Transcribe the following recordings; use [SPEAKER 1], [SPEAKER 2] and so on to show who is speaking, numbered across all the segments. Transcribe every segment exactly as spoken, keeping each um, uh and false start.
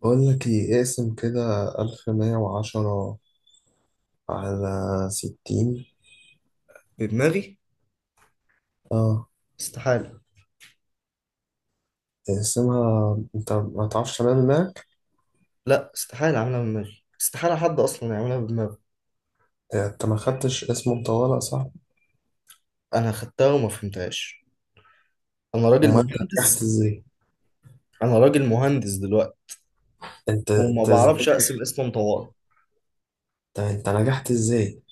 [SPEAKER 1] بقول لك ايه، اقسم كده. ألف مية وعشرة على ستين.
[SPEAKER 2] بدماغي
[SPEAKER 1] اه،
[SPEAKER 2] استحالة.
[SPEAKER 1] اقسمها انت ما تعرفش. تمام هناك.
[SPEAKER 2] لا، استحالة أعملها بدماغي، استحالة حد أصلا يعملها بدماغه.
[SPEAKER 1] انت ما خدتش اسم مطولة؟ صح.
[SPEAKER 2] أنا خدتها وما فهمتهاش، أنا راجل
[SPEAKER 1] امال انت نجحت
[SPEAKER 2] مهندس،
[SPEAKER 1] ازاي؟
[SPEAKER 2] أنا راجل مهندس دلوقتي
[SPEAKER 1] انت
[SPEAKER 2] وما
[SPEAKER 1] انت ازاي؟
[SPEAKER 2] بعرفش أقسم اسم طوارئ.
[SPEAKER 1] انت انت نجحت ازاي؟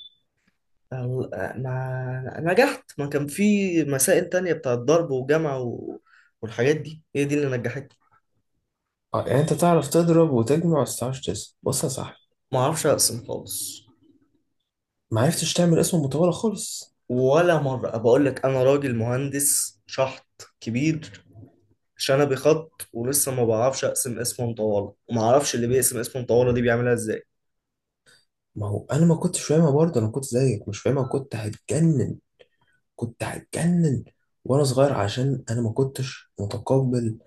[SPEAKER 2] أو- ما نجحت، ما كان في مسائل تانية بتاعت ضرب وجمع و... والحاجات دي هي دي اللي نجحتني.
[SPEAKER 1] اه، يعني انت تعرف تضرب وتجمع بس متعرفش تقسم. بص يا صاحبي،
[SPEAKER 2] ما أعرفش أقسم خالص
[SPEAKER 1] ما عرفتش تعمل اسم مطولة خالص.
[SPEAKER 2] ولا مرة، بقول لك أنا راجل مهندس شحط كبير، شنبي خط ولسه ما بعرفش اقسم اسم مطوله، وما اعرفش اللي بيقسم اسم مطوله دي بيعملها ازاي.
[SPEAKER 1] ما هو انا ما كنتش فاهمها برضه، انا كنت زيك مش فاهمها، كنت هتجنن. كنت هتجنن وانا صغير عشان انا ما كنتش متقبل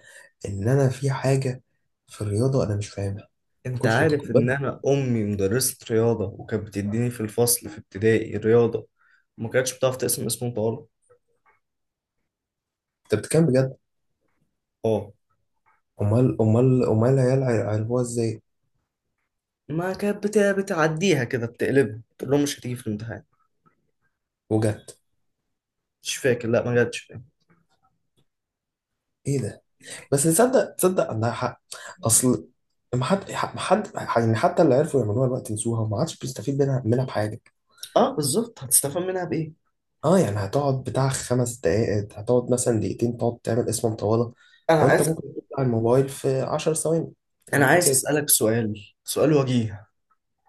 [SPEAKER 1] ان انا في حاجه في الرياضه انا مش فاهمها. ما
[SPEAKER 2] انت
[SPEAKER 1] كنتش
[SPEAKER 2] عارف ان
[SPEAKER 1] متقبلها.
[SPEAKER 2] انا امي مدرسه رياضه وكانت بتديني في الفصل في ابتدائي رياضه، ما كانتش بتعرف تقسم اسم مطوله.
[SPEAKER 1] انت بتتكلم بجد؟
[SPEAKER 2] اه،
[SPEAKER 1] امال امال امال العيال عرفوها ازاي؟
[SPEAKER 2] ما كانت بت- بتعديها كده، بتقلبها تقول لهم مش هتيجي في الامتحان.
[SPEAKER 1] وجد؟
[SPEAKER 2] مش فاكر، لا ما جاتش.
[SPEAKER 1] ايه ده؟ بس تصدق، تصدق عندها حق. اصل ما حد ما حد يعني، حتى اللي عرفوا يعملوها الوقت نسوها وما عادش بيستفيد منها منها بحاجه.
[SPEAKER 2] اه بالظبط، هتستفاد منها بايه؟
[SPEAKER 1] اه، يعني هتقعد بتاع خمس دقائق، هتقعد مثلا دقيقتين تقعد تعمل اسم مطوله،
[SPEAKER 2] انا
[SPEAKER 1] وانت
[SPEAKER 2] عايز
[SPEAKER 1] ممكن تطلع الموبايل في 10 ثواني
[SPEAKER 2] انا عايز
[SPEAKER 1] وتقسم.
[SPEAKER 2] اسالك سؤال، سؤال وجيه.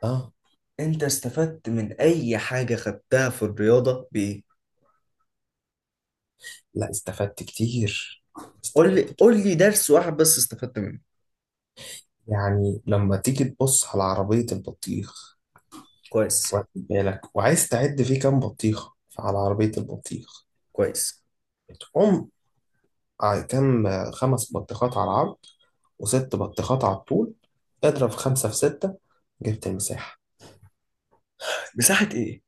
[SPEAKER 1] اه،
[SPEAKER 2] انت استفدت من اي حاجه خدتها في الرياضه بايه؟
[SPEAKER 1] لا استفدت كتير.
[SPEAKER 2] قول لي
[SPEAKER 1] استفدت،
[SPEAKER 2] قول لي درس واحد بس استفدت منه.
[SPEAKER 1] يعني لما تيجي تبص على عربية البطيخ،
[SPEAKER 2] كويس،
[SPEAKER 1] واخد بالك، وعايز تعد فيه كام بطيخة. فعلى عربية البطيخ
[SPEAKER 2] كويس.
[SPEAKER 1] تقوم ع- كام؟ خمس بطيخات على العرض وست بطيخات على الطول. اضرب خمسة في ستة، جبت المساحة.
[SPEAKER 2] مساحة ايه؟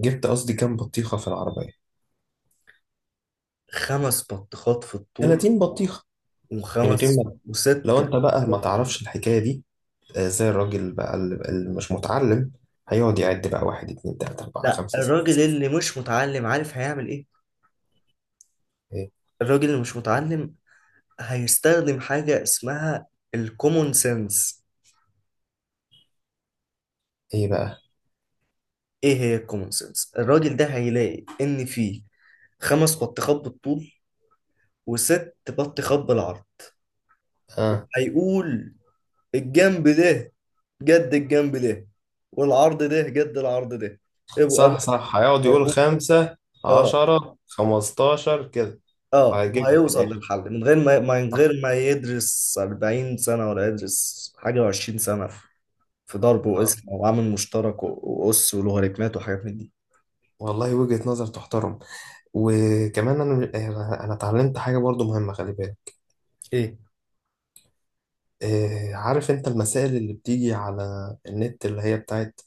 [SPEAKER 1] جبت قصدي كام بطيخة في العربية.
[SPEAKER 2] خمس بطيخات في الطول،
[SPEAKER 1] 30 بطيخة. من غير
[SPEAKER 2] وخمس
[SPEAKER 1] ما
[SPEAKER 2] وست
[SPEAKER 1] لو انت بقى ما
[SPEAKER 2] بطيخات في العرض.
[SPEAKER 1] تعرفش الحكاية دي، آه، زي الراجل بقى اللي اللي مش متعلم، هيقعد يعد بقى: واحد، اتنين، تلاتة، أربعة،
[SPEAKER 2] لا،
[SPEAKER 1] خمسة، ستة،
[SPEAKER 2] الراجل
[SPEAKER 1] سبعة.
[SPEAKER 2] اللي مش متعلم عارف هيعمل ايه؟
[SPEAKER 1] ايه؟
[SPEAKER 2] الراجل اللي مش متعلم هيستخدم حاجة اسمها الكومون سنس.
[SPEAKER 1] إيه بقى؟
[SPEAKER 2] ايه هي الكومون سنس؟ الراجل ده هيلاقي ان في خمس بطيخات بالطول وست بطيخات بالعرض،
[SPEAKER 1] آه.
[SPEAKER 2] هيقول الجنب ده جد الجنب ده، والعرض ده جد العرض ده، يبقى الأمر
[SPEAKER 1] صح، صح، هيقعد يقول:
[SPEAKER 2] هيقوم.
[SPEAKER 1] خمسة،
[SPEAKER 2] اه،
[SPEAKER 1] عشرة، خمستاشر، كده.
[SPEAKER 2] اه،
[SPEAKER 1] وهيجيب لي في
[SPEAKER 2] وهيوصل
[SPEAKER 1] الآخر.
[SPEAKER 2] للحل من غير ما ما- من
[SPEAKER 1] صح.
[SPEAKER 2] غير ما يدرس أربعين سنة، ولا يدرس حاجة و20 سنة في ضرب
[SPEAKER 1] اه،
[SPEAKER 2] وقسم وعامل مشترك و- وأس ولوغاريتمات وحاجات من دي.
[SPEAKER 1] والله وجهة نظر تحترم. وكمان أنا أنا أنا اتعلمت حاجة برضو مهمة، خلي بالك.
[SPEAKER 2] ايه؟
[SPEAKER 1] آه، عارف أنت المسائل اللي بتيجي على النت اللي هي بتاعت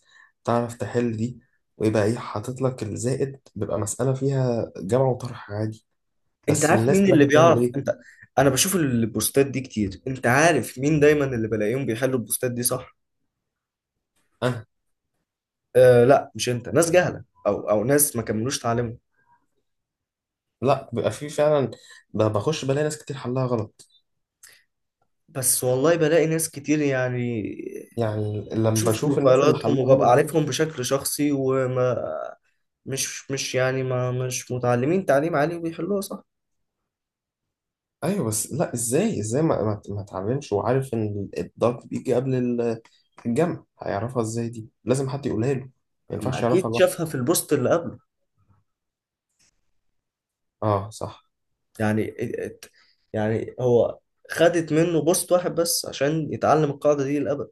[SPEAKER 1] تعرف تحل دي؟ ويبقى إيه حاطط لك الزائد، بيبقى مسألة فيها جمع وطرح عادي.
[SPEAKER 2] انت
[SPEAKER 1] بس
[SPEAKER 2] عارف
[SPEAKER 1] الناس
[SPEAKER 2] مين
[SPEAKER 1] بقى
[SPEAKER 2] اللي
[SPEAKER 1] بتعمل
[SPEAKER 2] بيعرف؟
[SPEAKER 1] إيه؟
[SPEAKER 2] انت، انا بشوف البوستات دي كتير، انت عارف مين دايما اللي بلاقيهم بيحلوا البوستات دي صح؟
[SPEAKER 1] أنا.
[SPEAKER 2] آه لا مش انت، ناس جهلة او او ناس ما كملوش تعليمهم.
[SPEAKER 1] لا، بيبقى في فعلا، ب- بخش بلاقي ناس كتير حلها غلط.
[SPEAKER 2] بس والله بلاقي ناس كتير يعني،
[SPEAKER 1] يعني لما
[SPEAKER 2] بشوف
[SPEAKER 1] بشوف الناس اللي
[SPEAKER 2] بروفايلاتهم
[SPEAKER 1] حلها
[SPEAKER 2] وببقى
[SPEAKER 1] غلط دي،
[SPEAKER 2] عارفهم بشكل شخصي، وما مش مش يعني ما مش متعلمين تعليم عالي وبيحلوها صح.
[SPEAKER 1] ايوه بس لا، ازاي، ازاي ما ما ما اتعلمش، وعارف ان الضغط بيجي قبل ال- الجمع، هيعرفها ازاي؟ دي لازم حد يقولها له، ما
[SPEAKER 2] ما
[SPEAKER 1] ينفعش
[SPEAKER 2] اكيد
[SPEAKER 1] يعرفها لوحده.
[SPEAKER 2] شافها في البوست اللي قبله
[SPEAKER 1] اه صح.
[SPEAKER 2] يعني. ات- يعني هو خدت منه بوست واحد بس عشان يتعلم القاعدة دي للأبد.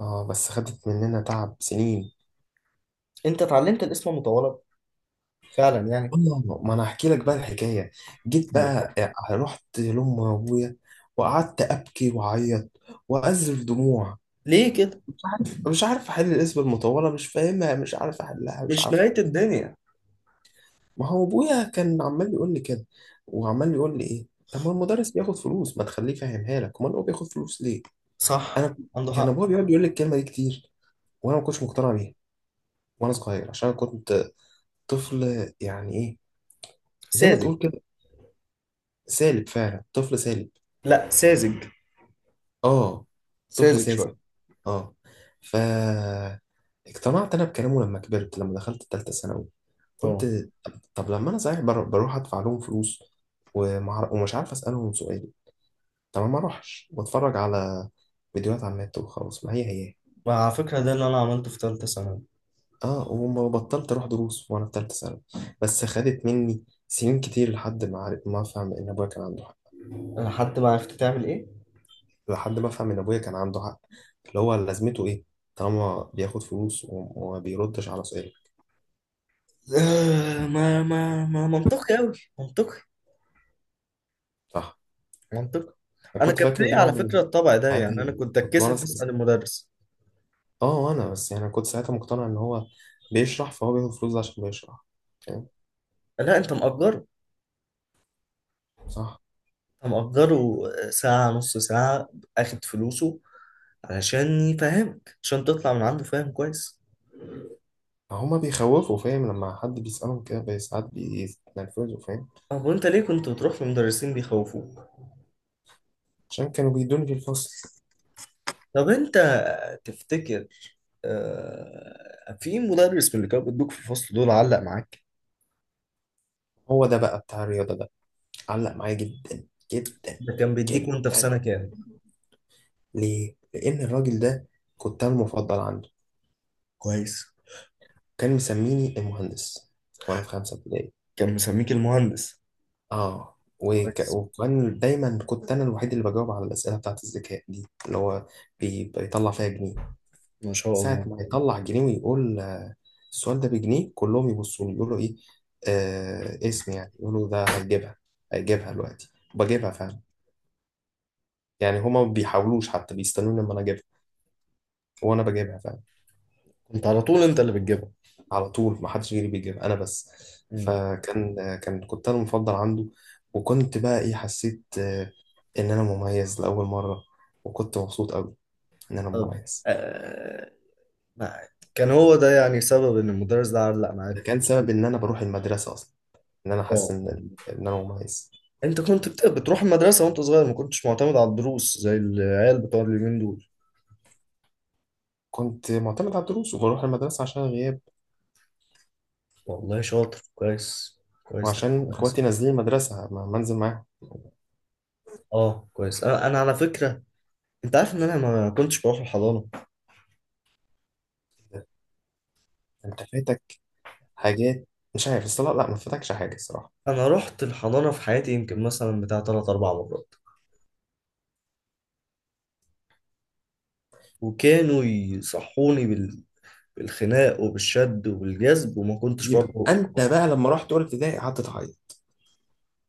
[SPEAKER 1] اه، بس خدت مننا تعب سنين.
[SPEAKER 2] انت اتعلمت الاسم المتطلب فعلا يعني.
[SPEAKER 1] والله ما، انا احكي لك بقى الحكايه. جيت
[SPEAKER 2] أيوة.
[SPEAKER 1] بقى، آه، رحت لام ابويا، وقعدت ابكي واعيط واذرف دموع.
[SPEAKER 2] ليه كده؟
[SPEAKER 1] مش عارف مش عارف احل الاسم المطوله، مش فاهمها، مش عارف احلها، مش
[SPEAKER 2] مش
[SPEAKER 1] عارف.
[SPEAKER 2] نهاية الدنيا.
[SPEAKER 1] ما هو ابويا كان عمال بيقول لي كده، وعمال بيقول لي: ايه، طب ما المدرس بياخد فلوس، ما تخليه يفهمها لك؟ امال هو بياخد فلوس ليه؟
[SPEAKER 2] صح،
[SPEAKER 1] انا.
[SPEAKER 2] عنده
[SPEAKER 1] كان
[SPEAKER 2] حق.
[SPEAKER 1] ابويا بيقعد يقول لي الكلمه دي كتير، وانا ما كنتش مقتنع بيها وانا صغير، عشان أنا كنت طفل يعني، ايه زي ما
[SPEAKER 2] ساذج.
[SPEAKER 1] تقول كده، سالب فعلا، طفل سالب.
[SPEAKER 2] لا ساذج.
[SPEAKER 1] اه، طفل
[SPEAKER 2] ساذج
[SPEAKER 1] ساذج.
[SPEAKER 2] شويه.
[SPEAKER 1] اه، ف اقتنعت انا بكلامه لما كبرت، لما دخلت تالتة ثانوي.
[SPEAKER 2] اه.
[SPEAKER 1] قلت، طب لما انا صحيح بر- بروح ادفع لهم فلوس ومع- ومش عارف اسالهم سؤال، تمام، ما اروحش، بتفرج على فيديوهات على النت وخلاص، ما هي هي.
[SPEAKER 2] وعلى فكرة ده اللي أنا عملته في تالتة ثانوي.
[SPEAKER 1] اه، وما بطلت اروح دروس وانا في ثالثه ثانوي. بس خدت مني سنين كتير لحد ما عارف، ما افهم ان ابويا كان عنده حق.
[SPEAKER 2] أنا حتى ما عرفت تعمل إيه.
[SPEAKER 1] لحد ما افهم ان ابويا كان عنده حق، اللي هو لازمته ايه طالما بياخد فلوس وم- وما بيردش على سؤال.
[SPEAKER 2] آه، ما ما ما منطقي أوي. منطقي.
[SPEAKER 1] صح.
[SPEAKER 2] منطقي.
[SPEAKER 1] انا
[SPEAKER 2] أنا
[SPEAKER 1] كنت
[SPEAKER 2] كان
[SPEAKER 1] فاكر ان
[SPEAKER 2] فيا
[SPEAKER 1] هو
[SPEAKER 2] على
[SPEAKER 1] يعني
[SPEAKER 2] فكرة الطبع ده، يعني أنا
[SPEAKER 1] ساعتها.
[SPEAKER 2] كنت
[SPEAKER 1] كنت وانا
[SPEAKER 2] أتكسف
[SPEAKER 1] س-
[SPEAKER 2] أسأل المدرس.
[SPEAKER 1] اه انا بس يعني كنت ساعتها مقتنع ان هو بيشرح، فهو بياخد فلوس عشان بيشرح. فاهم.
[SPEAKER 2] لا أنت مأجره.
[SPEAKER 1] صح.
[SPEAKER 2] أنت مأجره ساعة، نص ساعة. أخد فلوسه علشان يفهمك، عشان تطلع من عنده فاهم كويس.
[SPEAKER 1] هما بيخوفوا فاهم، لما حد بيسألهم كده بي- ساعات بيتنرفزوا فاهم.
[SPEAKER 2] طب وأنت ليه كنت بتروح لمدرسين بيخوفوك؟
[SPEAKER 1] عشان كانوا بيدوني في الفصل.
[SPEAKER 2] طب أنت تفتكر، آه، في مدرس من اللي كانوا بيدوك في الفصل دول علق معاك؟
[SPEAKER 1] هو ده بقى بتاع الرياضة ده علق معايا جدا جدا
[SPEAKER 2] ده كان بيديك
[SPEAKER 1] جدا
[SPEAKER 2] وأنت في سنة
[SPEAKER 1] يعني.
[SPEAKER 2] كام؟
[SPEAKER 1] ليه؟ لأن الراجل ده كنت أنا المفضل عنده.
[SPEAKER 2] كويس.
[SPEAKER 1] كان مسميني المهندس وأنا في خمسة ابتدائي.
[SPEAKER 2] كان مسميك المهندس.
[SPEAKER 1] آه، وك...
[SPEAKER 2] كويس.
[SPEAKER 1] وكان دايما كنت أنا الوحيد اللي بجاوب على الأسئلة بتاعت الذكاء دي، اللي هو بي... بيطلع فيها جنيه.
[SPEAKER 2] ما شاء
[SPEAKER 1] ساعة
[SPEAKER 2] الله.
[SPEAKER 1] ما يطلع جنيه ويقول: آه، السؤال ده بجنيه. كلهم يبصوا لي يقولوا: إيه، آه اسم يعني، يقولوا ده هيجيبها، هيجيبها دلوقتي. بجيبها فعلا. يعني هما ما بيحاولوش، حتى بيستنوني لما أنا أجيبها، وأنا بجيبها فعلا.
[SPEAKER 2] كنت على طول انت اللي بتجيبها.
[SPEAKER 1] على طول ما حدش غيري بيجيبها، أنا بس.
[SPEAKER 2] مم.
[SPEAKER 1] فكان آه، كان كنت أنا المفضل عنده. وكنت بقى إيه، حسيت آه إن أنا مميز لأول مرة. وكنت مبسوط أوي إن أنا
[SPEAKER 2] طب،
[SPEAKER 1] مميز.
[SPEAKER 2] آه، ما كان هو ده يعني سبب ان المدرس ده علق معاك
[SPEAKER 1] ده
[SPEAKER 2] في
[SPEAKER 1] كان
[SPEAKER 2] التشكيل.
[SPEAKER 1] سبب إن أنا بروح المدرسة أصلا، إن أنا حاسس
[SPEAKER 2] اه،
[SPEAKER 1] إن إن أنا مميز.
[SPEAKER 2] انت كنت بت- بتروح المدرسة وانت صغير، ما كنتش معتمد على الدروس زي العيال بتوع اليومين دول.
[SPEAKER 1] كنت معتمد على الدروس وبروح المدرسة عشان الغياب،
[SPEAKER 2] والله شاطر، كويس، كويس، ده
[SPEAKER 1] وعشان
[SPEAKER 2] كويس.
[SPEAKER 1] إخواتي نازلين المدرسة، ما منزل معاهم.
[SPEAKER 2] اه كويس. انا انا على فكرة، انت عارف ان انا ما كنتش بروح الحضانة؟
[SPEAKER 1] كده. أنت فاتك حاجات، مش عارف الصلاة. لا، ما فاتكش حاجة الصراحة.
[SPEAKER 2] انا رحت الحضانة في حياتي يمكن مثلا بتاع تلات اربع مرات، وكانوا يصحوني بال... بالخناق وبالشد وبالجذب وما كنتش
[SPEAKER 1] يبقى
[SPEAKER 2] برضه.
[SPEAKER 1] أنت بقى لما رحت أولى ابتدائي قعدت تعيط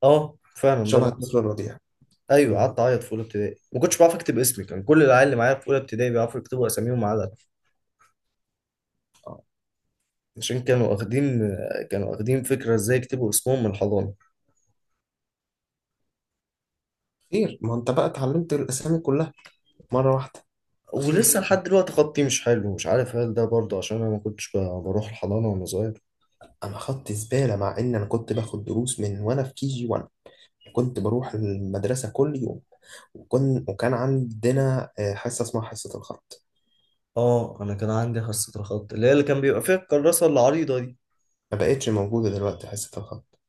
[SPEAKER 2] اه فعلا ده
[SPEAKER 1] شبه
[SPEAKER 2] اللي حصل.
[SPEAKER 1] الطفل الرضيع.
[SPEAKER 2] ايوه
[SPEAKER 1] أمم.
[SPEAKER 2] قعدت اعيط في اولى ابتدائي، ما كنتش بعرف اكتب اسمي، كان كل العيال اللي معايا في اولى ابتدائي بيعرفوا يكتبوا اساميهم ما عدا أنا.
[SPEAKER 1] آه.
[SPEAKER 2] عشان كانوا واخدين كانوا واخدين فكره ازاي يكتبوا اسمهم من الحضانه.
[SPEAKER 1] خير. ما أنت بقى اتعلمت الأسامي كلها مرة واحدة. خير،
[SPEAKER 2] ولسه
[SPEAKER 1] خير.
[SPEAKER 2] لحد دلوقتي خطي مش حلو، مش عارف هل ده برضه عشان انا ما كنتش ب- بروح الحضانه وانا صغير.
[SPEAKER 1] أنا خدت زبالة، مع إن أنا كنت باخد دروس من وأنا في كي جي واحد. كنت بروح المدرسة كل يوم، وكن وكان عندنا آه، حصة اسمها حصة الخط.
[SPEAKER 2] اه انا كان عندي حصه الخط اللي هي اللي كان بيبقى فيها الكراسه العريضه دي.
[SPEAKER 1] ما بقتش موجودة دلوقتي حصة الخط.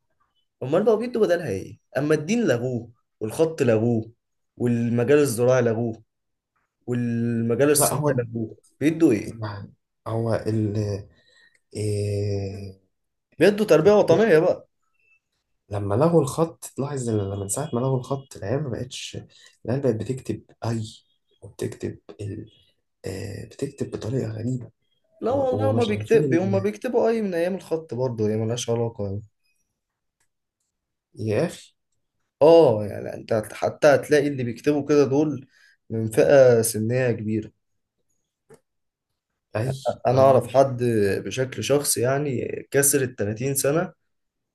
[SPEAKER 2] امال بقى بيدوا بدلها ايه؟ اما الدين لغوه، والخط لغوه، والمجال الزراعي لغوه، والمجال
[SPEAKER 1] لا
[SPEAKER 2] الصناعي
[SPEAKER 1] هو
[SPEAKER 2] لغوه، بيدوا ايه؟
[SPEAKER 1] ما هو ال إيه
[SPEAKER 2] بيدوا تربية وطنية بقى.
[SPEAKER 1] لما لغوا الخط لاحظ ان، لما من ساعة ما لغوا الخط، العيال ما بقتش العيال بقت بتكتب أي وبتكتب ال آه بتكتب بطريقة غريبة.
[SPEAKER 2] لا
[SPEAKER 1] ما-
[SPEAKER 2] والله هما
[SPEAKER 1] ومش عارفين
[SPEAKER 2] بيكتب، هما
[SPEAKER 1] ال-
[SPEAKER 2] بيكتبوا أي من أيام الخط برضه، هي ملهاش علاقة يعني.
[SPEAKER 1] يا أخي.
[SPEAKER 2] اه يعني أنت هت- حتى هتلاقي اللي بيكتبوا كده دول من فئة سنية كبيرة.
[SPEAKER 1] أي
[SPEAKER 2] أنا أعرف
[SPEAKER 1] أه.
[SPEAKER 2] حد بشكل شخصي يعني كسر التلاتين سنة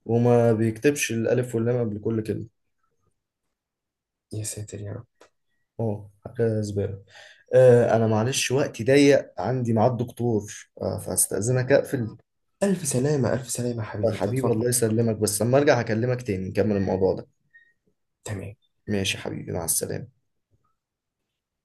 [SPEAKER 2] وما بيكتبش الألف واللام قبل كل كلمة.
[SPEAKER 1] يا ساتر يا رب.
[SPEAKER 2] اه حاجة زبالة. آه أنا معلش وقتي ضيق، عندي ميعاد دكتور، آه فهستأذنك أقفل.
[SPEAKER 1] ألف سلامة، ألف سلامة يا
[SPEAKER 2] آه
[SPEAKER 1] حبيبي،
[SPEAKER 2] حبيبي
[SPEAKER 1] تفضل.
[SPEAKER 2] الله يسلمك، بس لما أرجع هكلمك تاني نكمل الموضوع ده.
[SPEAKER 1] تمام.
[SPEAKER 2] ماشي يا حبيبي، مع السلامة.